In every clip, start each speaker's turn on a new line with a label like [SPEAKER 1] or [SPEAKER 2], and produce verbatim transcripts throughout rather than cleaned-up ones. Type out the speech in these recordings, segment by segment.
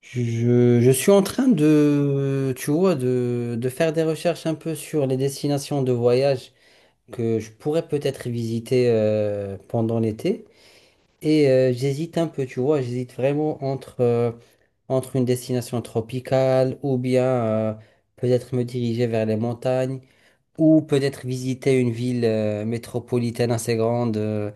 [SPEAKER 1] Je, je suis en train de, tu vois, de, de faire des recherches un peu sur les destinations de voyage que je pourrais peut-être visiter euh, pendant l'été. Et euh, j'hésite un peu, tu vois, j'hésite vraiment entre, euh, entre une destination tropicale ou bien euh, peut-être me diriger vers les montagnes ou peut-être visiter une ville euh, métropolitaine assez grande. euh,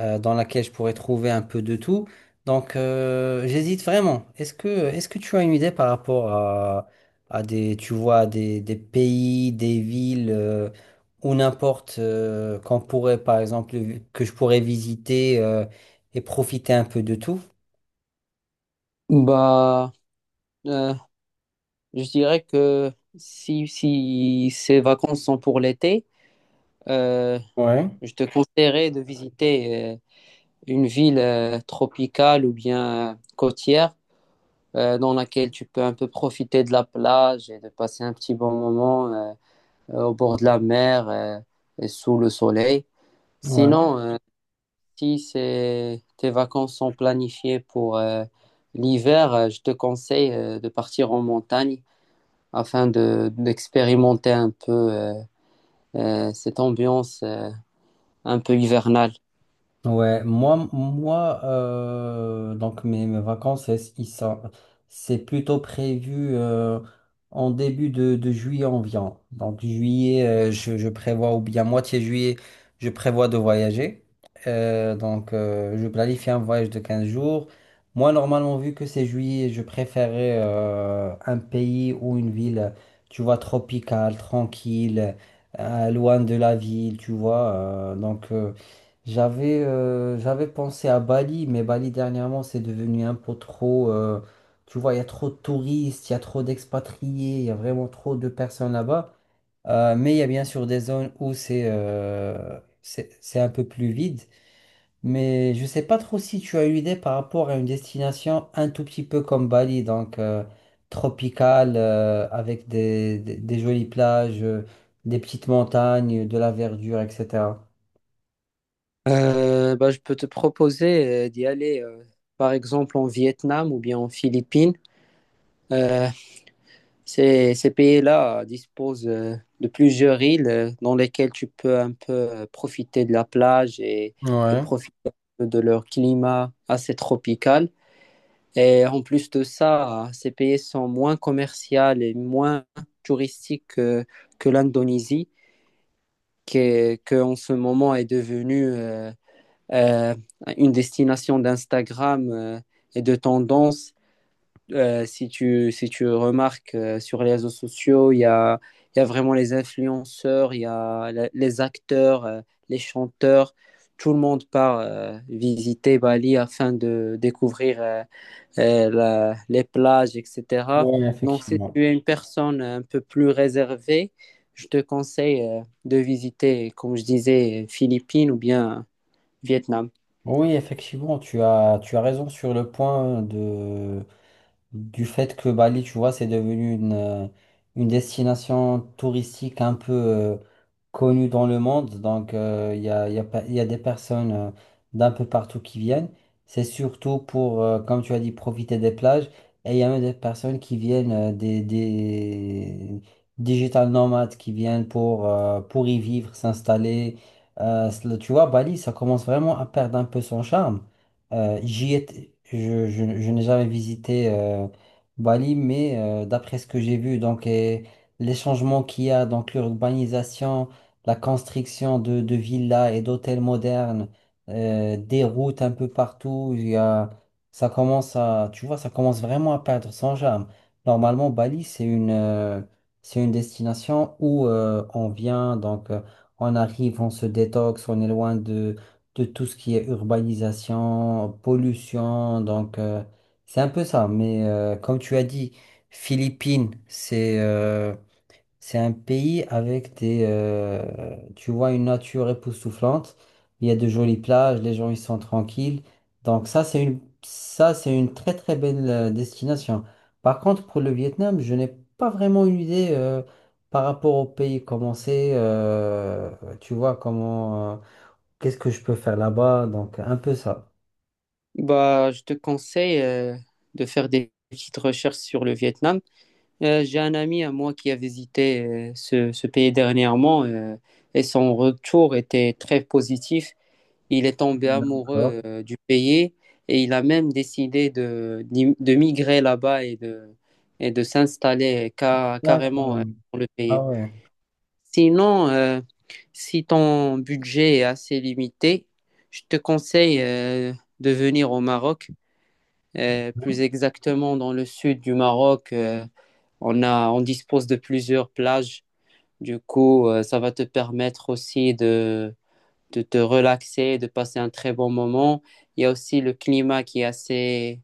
[SPEAKER 1] euh, Dans laquelle je pourrais trouver un peu de tout. Donc, euh, j'hésite vraiment. Est-ce que, est-ce que tu as une idée par rapport à, à des, tu vois, des, des pays, des villes euh, ou n'importe euh, qu'on pourrait, par exemple, que je pourrais visiter euh, et profiter un peu de tout?
[SPEAKER 2] Bah, euh, je dirais que si, si ces vacances sont pour l'été, euh,
[SPEAKER 1] Ouais,
[SPEAKER 2] je te conseillerais de visiter euh, une ville euh, tropicale ou bien euh, côtière euh, dans laquelle tu peux un peu profiter de la plage et de passer un petit bon moment euh, euh, au bord de la mer euh, et sous le soleil.
[SPEAKER 1] ouais.
[SPEAKER 2] Sinon, euh, si c'est- tes vacances sont planifiées pour euh, l'hiver, euh, je te conseille euh, de partir en montagne, afin de d'expérimenter un peu euh, euh, cette ambiance euh, un peu hivernale.
[SPEAKER 1] Ouais, moi, moi euh, donc mes, mes vacances, elles- ils sont, c'est plutôt prévu euh, en début de, de juillet environ. Donc juillet, euh, je, je prévois, ou bien moitié juillet, je prévois de voyager. Euh, donc euh, je planifie un voyage de quinze jours. Moi, normalement, vu que c'est juillet, je préférais euh, un pays ou une ville, tu vois, tropicale, tranquille, euh, loin de la ville, tu vois. euh, donc... euh, j'avais euh, j'avais pensé à Bali, mais Bali dernièrement c'est devenu un peu trop. euh, Tu vois, il y a trop de touristes, il y a trop d'expatriés, il y a vraiment trop de personnes là-bas. Euh, mais il y a bien sûr des zones où c'est euh, c'est c'est un peu plus vide. Mais je sais pas trop si tu as une idée par rapport à une destination un tout petit peu comme Bali, donc euh, tropicale, euh, avec des, des, des jolies plages, euh, des petites montagnes, de la verdure, et cetera.
[SPEAKER 2] Euh, bah, je peux te proposer euh, d'y aller, euh, par exemple en Vietnam ou bien en Philippines. Euh, ces, ces pays-là disposent euh, de plusieurs îles euh, dans lesquelles tu peux un peu euh, profiter de la plage et, et
[SPEAKER 1] Ouais.
[SPEAKER 2] profiter un peu de leur climat assez tropical. Et en plus de ça, ces pays sont moins commerciaux et moins touristiques que, que l'Indonésie, qui, qui en ce moment est devenue euh, euh, une destination d'Instagram euh, et de tendance. Euh, si tu, si tu remarques euh, sur les réseaux sociaux, il y a, il y a vraiment les influenceurs, il y a la- les acteurs, euh, les chanteurs. Tout le monde part euh, visiter Bali afin de découvrir euh, euh, la- les plages, et cetera.
[SPEAKER 1] ouais
[SPEAKER 2] Donc, si
[SPEAKER 1] effectivement.
[SPEAKER 2] tu es une personne un peu plus réservée, je te conseille euh, de visiter, comme je disais, Philippines ou bien Vietnam.
[SPEAKER 1] Oui, effectivement, tu as, tu as raison sur le point de, du fait que Bali, tu vois, c'est devenu une, euh, une destination touristique un peu euh, connue dans le monde. Donc, euh, il y a, il y a pa- il y a des personnes euh, d'un peu partout qui viennent. C'est surtout pour, euh, comme tu as dit, profiter des plages. Et il y a même des personnes qui viennent euh, des, des digital nomades qui viennent pour, euh, pour y vivre, s'installer. Euh, tu vois, Bali, ça commence vraiment à perdre un peu son charme. Euh, j'y étais- je, je- Je n'ai jamais visité euh, Bali, mais euh, d'après ce que j'ai vu, donc et les changements qu'il y a, donc l'urbanisation, la construction de, de villas et d'hôtels modernes, euh, des routes un peu partout, il y a, ça commence à, tu vois, ça commence vraiment à perdre son charme. Normalement, Bali, c'est une, euh, c'est une destination où euh, on vient, donc euh, on arrive, on se détoxe, on est loin de tout ce qui est urbanisation, pollution. Donc, euh, c'est un peu ça. Mais euh, comme tu as dit, Philippines, c'est euh, c'est un pays avec des, euh, tu vois, une nature époustouflante. Il y a de jolies plages, les gens ils sont tranquilles. Donc ça, c'est une, ça, c'est une très très belle euh, destination. Par contre, pour le Vietnam, je n'ai pas vraiment une idée euh, par rapport au pays. Comment c'est, euh, tu vois, comment. euh, Qu'est-ce que je peux faire là-bas? Donc, un peu ça.
[SPEAKER 2] Bah, je te conseille euh, de faire des petites recherches sur le Vietnam. Euh, j'ai un ami à moi qui a visité euh, ce, ce pays dernièrement euh, et son retour était très positif. Il est tombé
[SPEAKER 1] D'accord.
[SPEAKER 2] amoureux euh, du pays et il a même décidé de, d'im- de migrer là-bas et de, et de s'installer ca- carrément
[SPEAKER 1] D'accord.
[SPEAKER 2] euh, dans le
[SPEAKER 1] Ah
[SPEAKER 2] pays.
[SPEAKER 1] ouais.
[SPEAKER 2] Sinon, euh, si ton budget est assez limité, je te conseille euh, de venir au Maroc, Euh, plus exactement dans le sud du Maroc. Euh, on a, on dispose de plusieurs plages. Du coup, euh, ça va te permettre aussi de de te relaxer, de passer un très bon moment. Il y a aussi le climat qui est assez,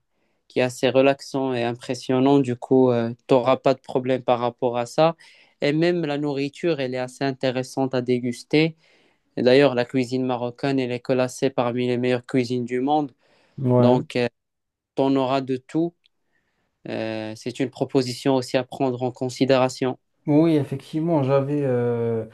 [SPEAKER 2] qui est assez relaxant et impressionnant. Du coup, euh, tu n'auras pas de problème par rapport à ça. Et même la nourriture, elle est assez intéressante à déguster. Et d'ailleurs, la cuisine marocaine, elle est classée parmi les meilleures cuisines du monde.
[SPEAKER 1] Ouais.
[SPEAKER 2] Donc, euh, tu en auras de tout. Euh, c'est une proposition aussi à prendre en considération.
[SPEAKER 1] Oui, effectivement, j'avais euh,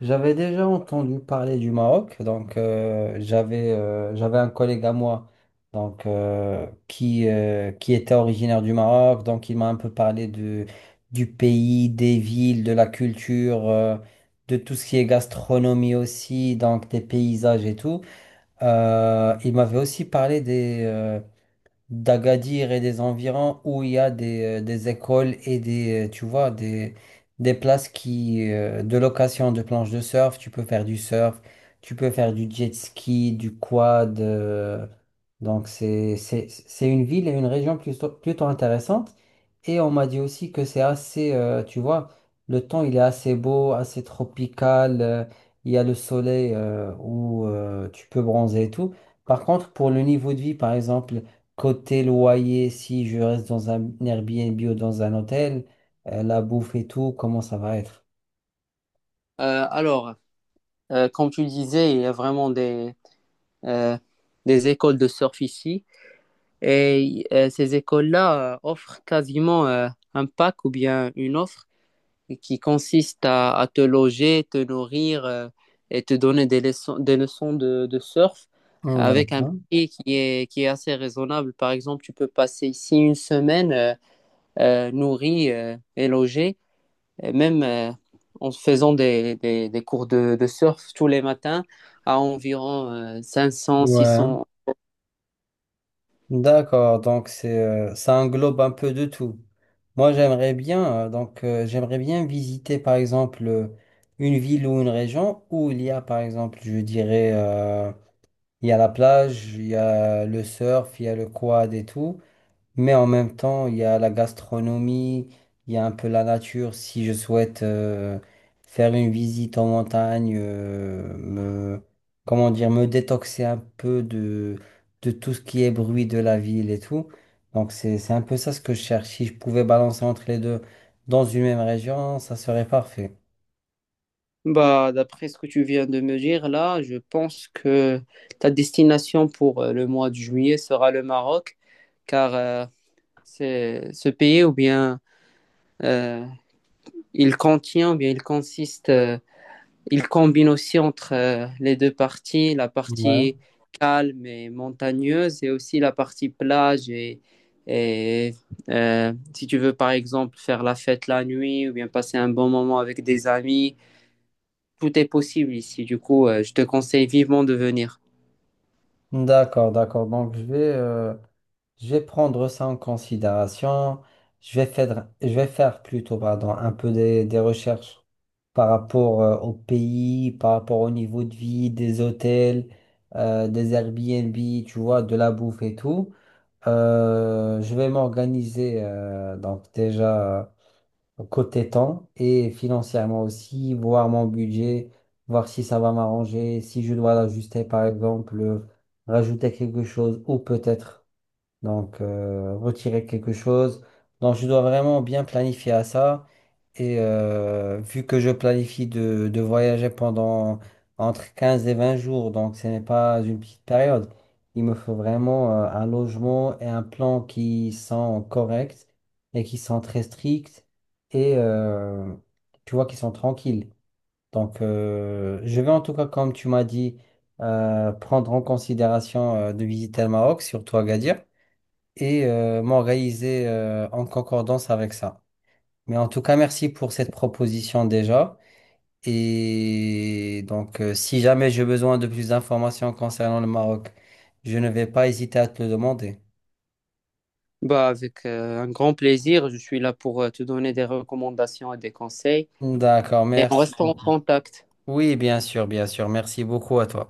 [SPEAKER 1] j'avais déjà entendu parler du Maroc. Donc, euh, j'avais euh, j'avais un collègue à moi donc, euh, qui, euh, qui était originaire du Maroc. Donc, il m'a un peu parlé de, du pays, des villes, de la culture, euh, de tout ce qui est gastronomie aussi, donc des paysages et tout. Euh, il m'avait aussi parlé des euh, d'Agadir et des environs où il y a des, euh, des écoles et des, euh, tu vois, des, des places qui, euh, de location de planches de surf. Tu peux faire du surf, tu peux faire du jet ski, du quad. euh, donc c'est, c'est, c'est une ville et une région plutôt, plutôt intéressante. Et on m'a dit aussi que c'est assez, euh, tu vois, le temps il est assez beau, assez tropical. Euh, il y a le soleil euh, où euh, tu peux bronzer et tout. Par contre, pour le niveau de vie, par exemple, côté loyer, si je reste dans un Airbnb ou dans un hôtel, euh, la bouffe et tout, comment ça va être?
[SPEAKER 2] Euh, alors, euh, comme tu disais, il y a vraiment des, euh, des écoles de surf ici. Et euh, ces écoles-là euh, offrent quasiment euh, un pack ou bien une offre qui consiste à, à te loger, te nourrir euh, et te donner des leçons, des leçons de, de surf avec un
[SPEAKER 1] D'accord.
[SPEAKER 2] prix qui est, qui est assez raisonnable. Par exemple, tu peux passer ici une semaine euh, euh, nourri euh, et logé, et même euh, en faisant des, des, des cours de, de surf tous les matins à environ euh, cinq cents, six
[SPEAKER 1] Ouais.
[SPEAKER 2] cents.
[SPEAKER 1] D'accord, donc c'est euh, ça englobe un peu de tout. Moi, j'aimerais bien euh, donc euh, j'aimerais bien visiter par exemple euh, une ville ou une région où il y a par exemple, je dirais euh, il y a la plage, il y a le surf, il y a le quad et tout. Mais en même temps, il y a la gastronomie, il y a un peu la nature. Si je souhaite euh, faire une visite en montagne, euh, me, comment dire, me détoxer un peu de, de tout ce qui est bruit de la ville et tout. Donc c'est, c'est un peu ça ce que je cherche. Si je pouvais balancer entre les deux dans une même région, ça serait parfait.
[SPEAKER 2] Bah, d'après ce que tu viens de me dire, là, je pense que ta destination pour euh, le mois de juillet sera le Maroc, car euh, c'est ce pays ou bien euh, il contient, ou bien il consiste, euh, il combine aussi entre euh, les deux parties, la
[SPEAKER 1] Ouais.
[SPEAKER 2] partie calme et montagneuse, et aussi la partie plage et, et, euh, si tu veux par exemple faire la fête la nuit ou bien passer un bon moment avec des amis, tout est possible ici. Du coup, euh, je te conseille vivement de venir.
[SPEAKER 1] D'accord, d'accord. Donc, je vais, euh, je vais prendre ça en considération. Je vais faire, je vais faire plutôt, pardon, un peu des, des recherches par rapport, euh, au pays, par rapport au niveau de vie, des hôtels, euh, des Airbnb, tu vois, de la bouffe et tout. Euh, je vais m'organiser, euh, donc déjà côté temps et financièrement aussi, voir mon budget, voir si ça va m'arranger, si je dois l'ajuster par exemple, euh, rajouter quelque chose ou peut-être donc, euh, retirer quelque chose. Donc, je dois vraiment bien planifier à ça. Et euh, vu que je planifie de, de voyager pendant entre quinze et vingt jours, donc ce n'est pas une petite période, il me faut vraiment euh, un logement et un plan qui sont corrects et qui sont très stricts et euh, tu vois, qui sont tranquilles. Donc, euh, je vais en tout cas, comme tu m'as dit, euh, prendre en considération euh, de visiter le Maroc, surtout Agadir et euh, m'en réaliser euh, en concordance avec ça. Mais en tout cas, merci pour cette proposition déjà. Et donc, euh, si jamais j'ai besoin de plus d'informations concernant le Maroc, je ne vais pas hésiter à te le demander.
[SPEAKER 2] Bah, avec euh, un grand plaisir, je suis là pour euh, te donner des recommandations et des conseils.
[SPEAKER 1] D'accord,
[SPEAKER 2] Et on
[SPEAKER 1] merci
[SPEAKER 2] reste en
[SPEAKER 1] beaucoup.
[SPEAKER 2] contact.
[SPEAKER 1] Oui, bien sûr, bien sûr. Merci beaucoup à toi.